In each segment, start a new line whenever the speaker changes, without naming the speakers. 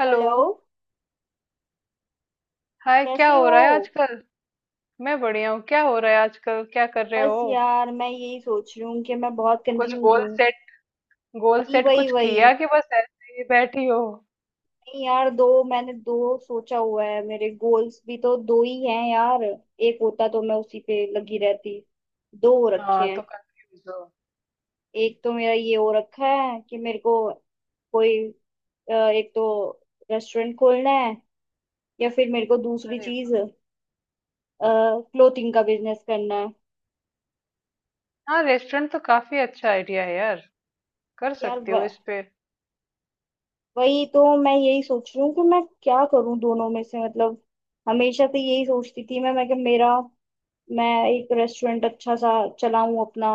Hello.
Hello.
Hi, क्या
कैसे
हो रहा है
हो?
आजकल। मैं बढ़िया हूँ। क्या हो रहा है आजकल, क्या कर रहे हो।
बस यार मैं यही सोच रही हूँ कि मैं बहुत
कुछ
कंफ्यूज
गोल
हूँ।
सेट, गोल
वही
सेट
वही
कुछ
वही।
किया कि बस ऐसे ही बैठी हो।
नहीं यार, दो, मैंने दो सोचा हुआ है, मेरे गोल्स भी तो दो ही हैं यार। एक होता तो मैं उसी पे लगी रहती। दो हो रखे
हाँ
हैं।
तो कंफ्यूज हो।
एक तो मेरा ये हो रखा है कि मेरे को कोई, एक तो रेस्टोरेंट खोलना है, या फिर मेरे को दूसरी
अरे
चीज
वाह।
क्लोथिंग का बिजनेस करना है।
हाँ, रेस्टोरेंट तो काफी अच्छा आइडिया है यार। कर
यार,
सकते हो इस पे।
वही तो मैं यही सोच रही हूँ कि मैं क्या करूँ दोनों में से। मतलब हमेशा से यही सोचती थी मैं कि मेरा, मैं एक रेस्टोरेंट अच्छा सा चलाऊं, अपना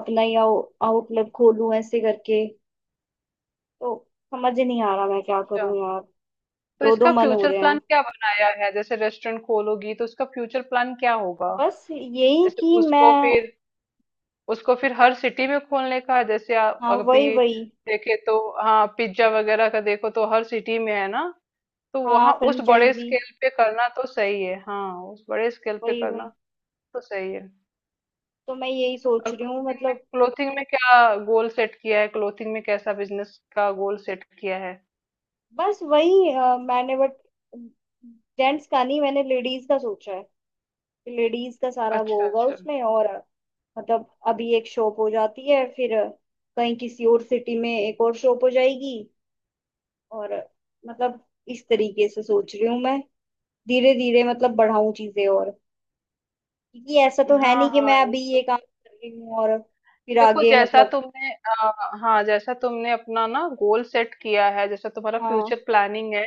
अपना ही आउटलेट खोलूं ऐसे करके। तो समझ ही नहीं आ रहा मैं क्या
अच्छा,
करूं यार।
तो
दो दो
इसका
मन हो
फ्यूचर
रहे
प्लान
हैं।
क्या बनाया है, जैसे रेस्टोरेंट खोलोगी तो उसका फ्यूचर प्लान क्या होगा।
बस यही
जैसे
कि मैं।
उसको फिर हर सिटी में खोलने का है, जैसे आप
हाँ वही
अभी
वही।
देखे तो। हाँ, पिज्जा वगैरह का देखो तो हर सिटी में है ना। तो
हाँ,
वहां उस बड़े
फ्रेंचाइजी।
स्केल पे करना तो सही है। हाँ, उस बड़े स्केल पे
वही
करना
वही।
तो सही है।
तो मैं यही
और
सोच रही हूँ
क्लोथिंग में,
मतलब।
क्लोथिंग में क्या गोल सेट किया है। क्लोथिंग में कैसा बिजनेस का गोल सेट किया है।
बस वही मैंने, बट जेंट्स का नहीं, मैंने लेडीज का सोचा है। लेडीज का सारा वो
अच्छा
होगा
अच्छा।
उसमें। और मतलब अभी एक शॉप हो जाती है, फिर कहीं किसी और सिटी में एक और शॉप हो जाएगी, और मतलब इस तरीके से सोच रही हूँ मैं। धीरे धीरे मतलब बढ़ाऊं चीजें। और क्योंकि ऐसा तो है
हाँ
नहीं कि
हाँ
मैं
ये
अभी
तो।
ये काम कर रही हूँ और फिर
देखो
आगे
जैसा
मतलब।
तुमने हाँ जैसा तुमने अपना ना गोल सेट किया है, जैसा तुम्हारा
हाँ।
फ्यूचर प्लानिंग है,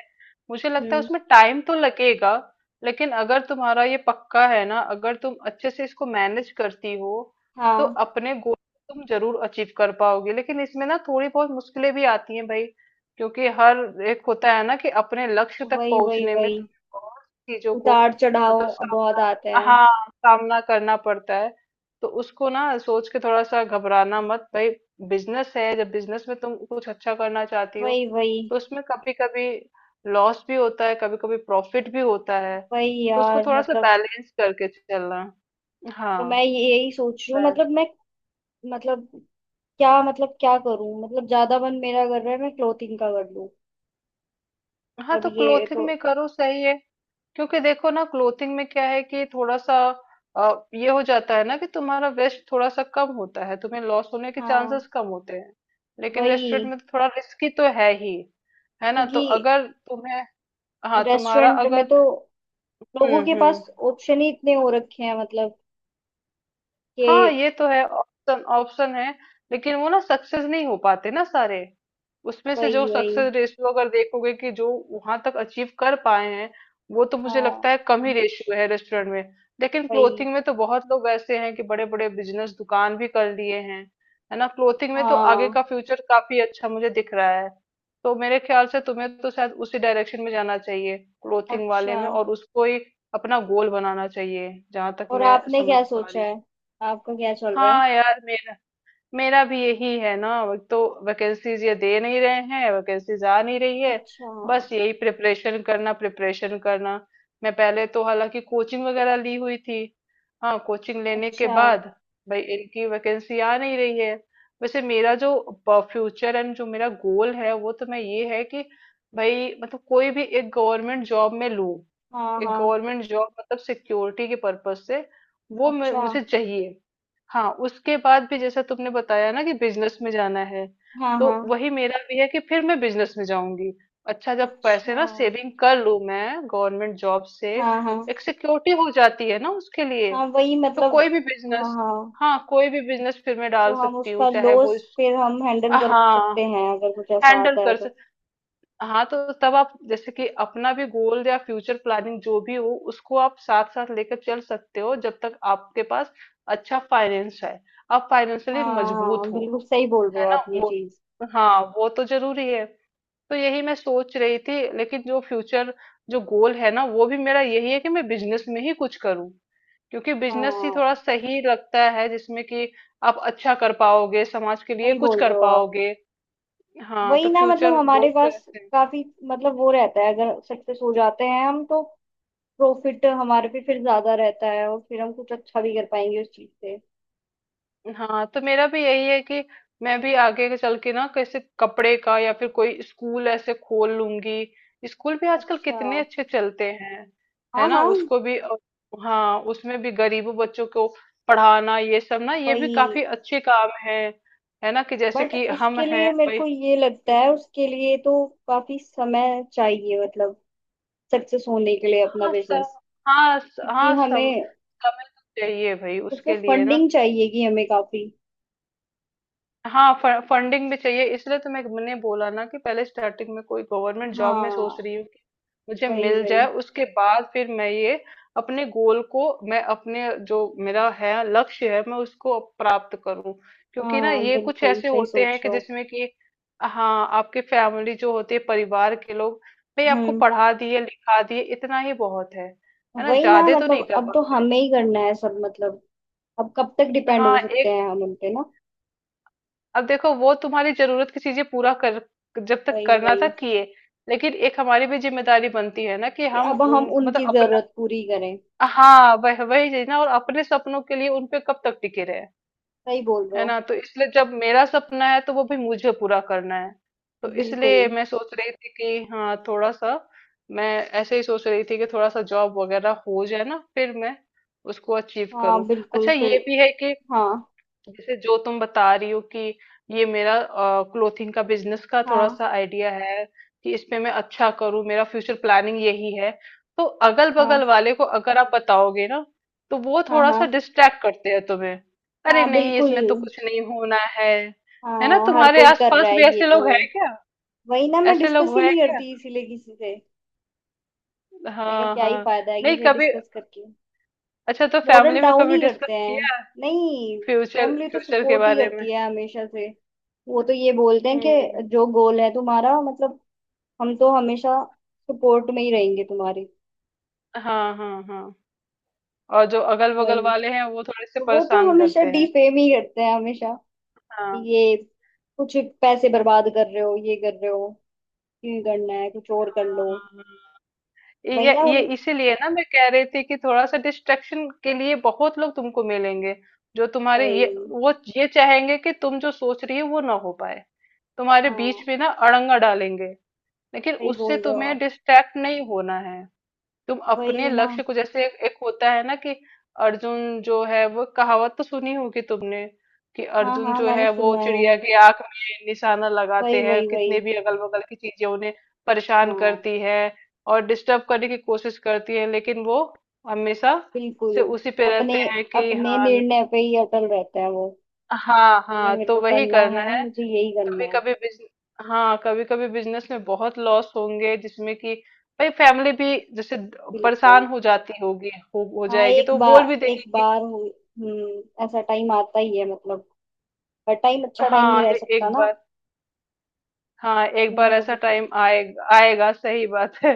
मुझे लगता है
हम्म।
उसमें टाइम तो लगेगा। लेकिन अगर तुम्हारा ये पक्का है ना, अगर तुम अच्छे से इसको मैनेज करती हो, तो
हाँ
अपने गोल तुम जरूर अचीव कर पाओगे। लेकिन इसमें ना थोड़ी बहुत मुश्किलें भी आती हैं भाई, क्योंकि हर एक होता है ना कि अपने लक्ष्य तक
वही वही
पहुंचने में
वही।
तुम्हें बहुत चीजों को,
उतार
मतलब
चढ़ाव बहुत
सामना,
आते हैं।
हाँ सामना करना पड़ता है। तो उसको ना सोच के थोड़ा सा घबराना मत भाई। बिजनेस है, जब बिजनेस में तुम कुछ अच्छा करना चाहती हो
वही वही
तो उसमें कभी कभी लॉस भी होता है, कभी कभी प्रॉफिट भी होता है।
वही
तो उसको
यार
थोड़ा सा
मतलब।
बैलेंस करके चलना।
तो
हाँ।
मैं यही सोच रही हूँ
बै-
मतलब मैं, मतलब क्या, मतलब क्या करूं? मतलब ज्यादा मन मेरा कर रहा है मैं क्लोथिंग का कर लूं।
हाँ,
मतलब
तो
ये
क्लोथिंग
तो।
में करो, सही है। क्योंकि देखो ना, क्लोथिंग में क्या है कि थोड़ा सा ये हो जाता है ना कि तुम्हारा वेस्ट थोड़ा सा कम होता है, तुम्हें लॉस होने के
हाँ
चांसेस कम होते हैं। लेकिन रेस्टोरेंट
वही।
में तो थोड़ा रिस्की तो है ही। है ना, तो
क्योंकि
अगर तुम्हें, हाँ, तुम्हारा
रेस्टोरेंट में
अगर,
तो लोगों
हुँ,
के पास
हुँ।
ऑप्शन ही इतने हो रखे हैं मतलब
हाँ
कि।
ये तो है, ऑप्शन ऑप्शन है। लेकिन वो ना सक्सेस नहीं हो पाते ना सारे। उसमें से जो
वही वही।
सक्सेस रेशियो अगर देखोगे कि जो वहां तक अचीव कर पाए हैं, वो तो मुझे लगता है
हाँ
कम ही रेशियो है रेस्टोरेंट में। लेकिन
वही।
क्लोथिंग में तो बहुत लोग ऐसे हैं कि बड़े बड़े बिजनेस दुकान भी कर लिए हैं। है ना, क्लोथिंग में तो आगे
हाँ
का फ्यूचर काफी अच्छा मुझे दिख रहा है। तो मेरे ख्याल से तुम्हें तो शायद उसी डायरेक्शन में जाना चाहिए, क्लोथिंग वाले
अच्छा।
में, और उसको ही अपना गोल बनाना चाहिए, जहां तक
और
मैं
आपने क्या
समझ पा
सोचा
रही हूँ।
है? आपका क्या चल रहा है?
हाँ यार, मेरा मेरा भी यही है ना, अब तो वैकेंसीज ये दे नहीं रहे हैं, वैकेंसीज आ नहीं रही है।
अच्छा
बस यही प्रिपरेशन करना, प्रिपरेशन करना। मैं पहले तो हालांकि कोचिंग वगैरह ली हुई थी। हाँ, कोचिंग लेने के
अच्छा।
बाद भाई इनकी वैकेंसी आ नहीं रही है। वैसे मेरा जो फ्यूचर एंड जो मेरा गोल है वो तो मैं, ये है कि भाई मतलब कोई भी एक गवर्नमेंट जॉब में लूँ।
हाँ
एक
हाँ।
गवर्नमेंट जॉब मतलब सिक्योरिटी के पर्पज से, वो
अच्छा।
मुझे चाहिए। हाँ, उसके बाद भी जैसा तुमने बताया ना कि बिजनेस में जाना है,
हाँ
तो
हाँ।
वही मेरा भी है कि फिर मैं बिजनेस में जाऊंगी। अच्छा, जब पैसे
अच्छा।
ना सेविंग कर लूं मैं गवर्नमेंट जॉब से,
हाँ हाँ
एक सिक्योरिटी हो जाती है ना उसके लिए,
हाँ। वही
तो
मतलब।
कोई भी
हाँ
बिजनेस,
हाँ।
हाँ कोई भी बिजनेस फिर मैं
तो
डाल
हम
सकती हूँ,
उसका
चाहे वो
लॉस फिर हम हैंडल कर
हाँ
सकते हैं अगर कुछ ऐसा
हैंडल
आता है
कर।
तो।
हाँ तो तब आप जैसे कि अपना भी गोल या फ्यूचर प्लानिंग जो भी हो, उसको आप साथ साथ लेकर चल सकते हो, जब तक आपके पास अच्छा फाइनेंस है, आप फाइनेंशियली
हाँ
मजबूत
हाँ,
हो।
बिल्कुल सही बोल रहे हो
है ना
आप ये
वो।
चीज।
हाँ, वो तो जरूरी है। तो यही मैं सोच रही थी। लेकिन जो फ्यूचर, जो गोल है ना, वो भी मेरा यही है कि मैं बिजनेस में ही कुछ करूँ, क्योंकि बिजनेस ही
हाँ
थोड़ा सही लगता है जिसमें कि आप अच्छा कर पाओगे, समाज के लिए
सही
कुछ
बोल
कर
रहे हो आप।
पाओगे। हाँ, तो
वही ना, मतलब
फ्यूचर गोल
हमारे
तो
पास
ऐसे।
काफी, मतलब वो रहता है, अगर सक्सेस हो जाते हैं हम तो प्रॉफिट हमारे पे फिर ज्यादा रहता है, और फिर हम कुछ अच्छा भी कर पाएंगे उस चीज से।
हाँ तो मेरा भी यही है कि मैं भी आगे के चल के ना, कैसे कपड़े का या फिर कोई स्कूल ऐसे खोल लूंगी। स्कूल भी आजकल
अच्छा।
कितने अच्छे चलते हैं।
हाँ
है ना,
हाँ।
उसको भी हाँ उसमें भी गरीबों बच्चों को पढ़ाना, ये सब ना, ये भी
वही,
काफी अच्छे काम है। है ना, कि जैसे
बट
कि हम
उसके
हैं
लिए मेरे
भाई।
को ये लगता
हम्म।
है, उसके लिए तो काफी समय चाहिए मतलब, सक्सेस होने के लिए अपना
हाँ सब।
बिजनेस। क्योंकि
हाँ सब
हमें
समय तो चाहिए भाई
उसमें
उसके लिए ना।
फंडिंग चाहिएगी हमें काफी।
हाँ, फ फंडिंग भी चाहिए, इसलिए तो मैंने बोला ना कि पहले स्टार्टिंग में कोई गवर्नमेंट जॉब में
हाँ
सोच रही हूँ कि मुझे
वही
मिल
वही।
जाए, उसके बाद फिर मैं ये अपने गोल को, मैं अपने जो मेरा है लक्ष्य है मैं उसको प्राप्त करूँ। क्योंकि ना
हाँ
ये कुछ
बिल्कुल
ऐसे
सही
होते हैं
सोच रहे
कि
हो।
जिसमें कि, हाँ आपकी फैमिली जो होती है, परिवार के लोग भाई आपको
हम्म।
पढ़ा दिए लिखा दिए इतना ही बहुत है। है ना,
वही ना,
ज्यादा तो नहीं
मतलब
कर
अब तो
पाते हैं।
हमें ही करना है सब मतलब। अब कब तक डिपेंड हो
हाँ
सकते
एक,
हैं हम उन पे ना।
अब देखो वो तुम्हारी जरूरत की चीजें पूरा कर, जब तक
वही
करना था
वही।
किए, लेकिन एक हमारी भी जिम्मेदारी बनती है ना कि
कि
हम
अब हम
उन, मतलब
उनकी
अपना,
जरूरत पूरी करें।
हाँ वह वही चीज ना, और अपने सपनों के लिए उन पे कब तक टिके रहे।
सही बोल रहे
है
हो।
ना, तो इसलिए जब मेरा सपना है तो वो भी मुझे पूरा करना है। तो
बिल्कुल।
इसलिए मैं सोच रही थी कि हाँ थोड़ा सा मैं ऐसे ही सोच रही थी कि थोड़ा सा जॉब वगैरह हो जाए ना, फिर मैं उसको अचीव
हाँ
करूँ।
बिल्कुल
अच्छा
फिर।
ये भी है कि
हाँ
जैसे जो तुम बता रही हो कि ये मेरा क्लोथिंग का बिजनेस का थोड़ा
हाँ।
सा आइडिया है कि इसमें मैं अच्छा करूं, मेरा फ्यूचर प्लानिंग यही है, तो अगल बगल
हाँ
वाले को अगर आप बताओगे ना, तो वो
हाँ।
थोड़ा सा
हाँ
डिस्ट्रैक्ट करते हैं तुम्हें। अरे
हाँ
नहीं,
बिल्कुल।
इसमें तो कुछ नहीं होना है। है ना,
हाँ हर
तुम्हारे
कोई कर रहा
आसपास
है
भी
ये
ऐसे
तो।
लोग हैं क्या,
वही ना, मैं
ऐसे
डिस्कस
लोग
ही
हैं
नहीं
क्या।
करती इसीलिए किसी से। मैं क्या
हाँ
क्या ही
हाँ।
फायदा है
नहीं,
किसे
कभी,
डिस्कस करके।
अच्छा तो
मोरल
फैमिली में
डाउन
कभी
ही
डिस्कस
करते हैं।
किया
नहीं।
फ्यूचर,
फैमिली तो
फ्यूचर के
सपोर्ट ही
बारे में।
करती है हमेशा से। वो तो ये बोलते हैं
हम्म।
कि जो गोल है तुम्हारा मतलब, हम तो हमेशा सपोर्ट में ही रहेंगे तुम्हारे।
हाँ हाँ हाँ। और जो अगल बगल
वही।
वाले हैं वो थोड़े से
तो वो तो
परेशान
हमेशा
करते हैं।
डिफेम ही करते हैं हमेशा, कि
हाँ।
ये कुछ पैसे बर्बाद कर रहे हो, ये कर रहे हो, क्यों करना है, कुछ और कर लो।
हाँ।
वही ना
ये
उन।
इसीलिए ना मैं कह रही थी कि थोड़ा सा डिस्ट्रक्शन के लिए बहुत लोग तुमको मिलेंगे, जो तुम्हारे ये,
वही।
वो, ये चाहेंगे कि तुम जो सोच रही हो वो ना हो पाए, तुम्हारे
हाँ
बीच में ना अड़ंगा डालेंगे। लेकिन
सही
उससे
बोल रहे हो
तुम्हें
आप।
डिस्ट्रैक्ट नहीं होना है। तुम अपने
वही ना।
लक्ष्य को, जैसे एक होता है ना कि अर्जुन जो है, वो कहावत तो सुनी होगी तुमने कि
हाँ
अर्जुन
हाँ
जो
मैंने
है वो
सुना है।
चिड़िया की आंख में निशाना लगाते
वही
हैं,
वही वही।
कितने भी अगल बगल की चीजें उन्हें परेशान
हाँ
करती है और डिस्टर्ब करने की कोशिश करती है, लेकिन वो हमेशा
बिल्कुल।
से उसी पे
अपने
रहते हैं कि
अपने
हाँ।
निर्णय पे ही अटल रहता है वो।
हाँ
ये
हाँ,
मेरे
तो
को
वही
करना
करना
है,
है।
मुझे यही करना
कभी
है।
कभी बिजन हाँ, कभी कभी बिजनेस में बहुत लॉस होंगे, जिसमें कि भाई फैमिली भी जैसे
बिल्कुल।
परेशान हो जाती होगी। हो
हाँ,
जाएगी तो वो बोल भी देगी कि,
हम्म, ऐसा टाइम आता ही है मतलब, हर टाइम अच्छा टाइम
हाँ
नहीं रह सकता
एक
ना।
बार, हाँ एक
कभी ना
बार ऐसा
कभी तो।
टाइम आएगा आएगा, सही बात है।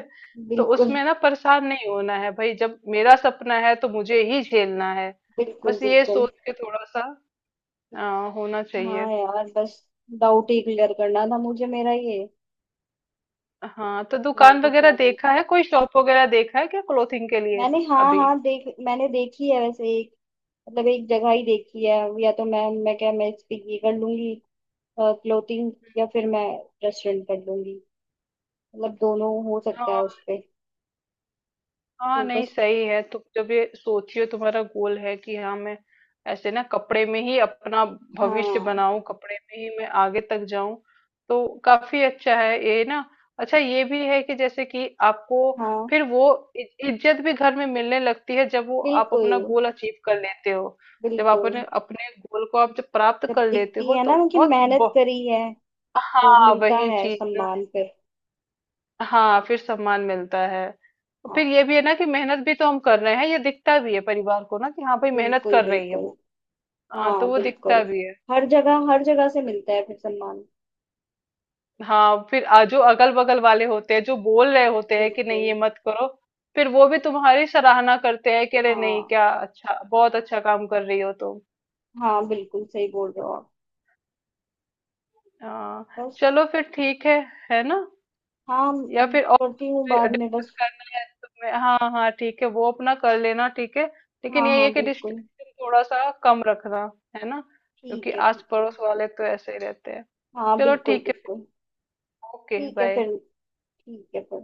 तो
बिल्कुल
उसमें ना परेशान नहीं होना है भाई, जब मेरा सपना है तो मुझे ही झेलना है।
बिल्कुल।
बस ये
बिल्कुल।
सोच के थोड़ा सा होना
हाँ
चाहिए।
यार, बस डाउट ही क्लियर करना था मुझे मेरा ये,
हाँ तो
कि मेरे
दुकान
को
वगैरह
क्या करना
देखा
है।
है, कोई शॉप वगैरह देखा है क्या क्लोथिंग के लिए
मैंने, हाँ
अभी।
हाँ देख, मैंने देखी है वैसे एक, मतलब एक जगह ही देखी है। या तो मैं इस पे ये कर लूंगी, क्लोथिंग, या फिर मैं रेस्टोरेंट कर लूंगी। मतलब दोनों हो सकता है उस पे।
हाँ
तो
नहीं,
बस।
सही है। तुम जब ये सोचियो तुम्हारा गोल है कि हाँ मैं ऐसे ना कपड़े में ही अपना भविष्य
हाँ
बनाऊं, कपड़े में ही मैं आगे तक जाऊं, तो काफी अच्छा है ये ना। अच्छा ये भी है कि जैसे कि आपको
हाँ।
फिर वो इज्जत भी घर में मिलने लगती है जब वो आप अपना
बिल्कुल
गोल अचीव कर लेते हो। जब आप
बिल्कुल।
अपने अपने गोल को आप जब प्राप्त
जब
कर लेते
दिखती
हो
है ना
तो
कि
बहुत,
मेहनत
बहुत,
करी है, तो
हाँ
मिलता
वही
है
चीज।
सम्मान फिर।
हाँ, फिर सम्मान मिलता है। और
हाँ
फिर ये भी है ना कि मेहनत भी तो हम कर रहे हैं, ये दिखता भी है परिवार को ना कि हाँ भाई मेहनत
बिल्कुल
कर रही है
बिल्कुल।
वो। हाँ, तो
हाँ
वो दिखता
बिल्कुल।
भी है।
हर जगह, हर जगह से मिलता है फिर सम्मान।
हाँ फिर जो अगल बगल वाले होते हैं जो बोल रहे होते हैं कि नहीं
बिल्कुल।
ये मत करो, फिर वो भी तुम्हारी सराहना करते हैं कि अरे नहीं,
हाँ
क्या अच्छा, बहुत अच्छा काम कर रही हो तुम।
हाँ बिल्कुल सही बोल रहे हो आप।
हाँ।
बस।
चलो फिर ठीक है। है ना,
हाँ
या फिर और
करती हूँ
कुछ
बाद में
डिस्कस
बस।
करना है तुम्हें। हाँ हाँ ठीक है, वो अपना कर लेना ठीक है। लेकिन
हाँ
यही है
हाँ
कि
बिल्कुल।
डिस्ट्रक्शन थोड़ा सा कम रखना। है ना, क्योंकि
ठीक है
आस
ठीक है।
पड़ोस वाले तो ऐसे ही रहते हैं।
हाँ
चलो
बिल्कुल
ठीक है।
बिल्कुल।
ओके
ठीक है
बाय।
फिर। ठीक है फिर।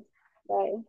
बाय।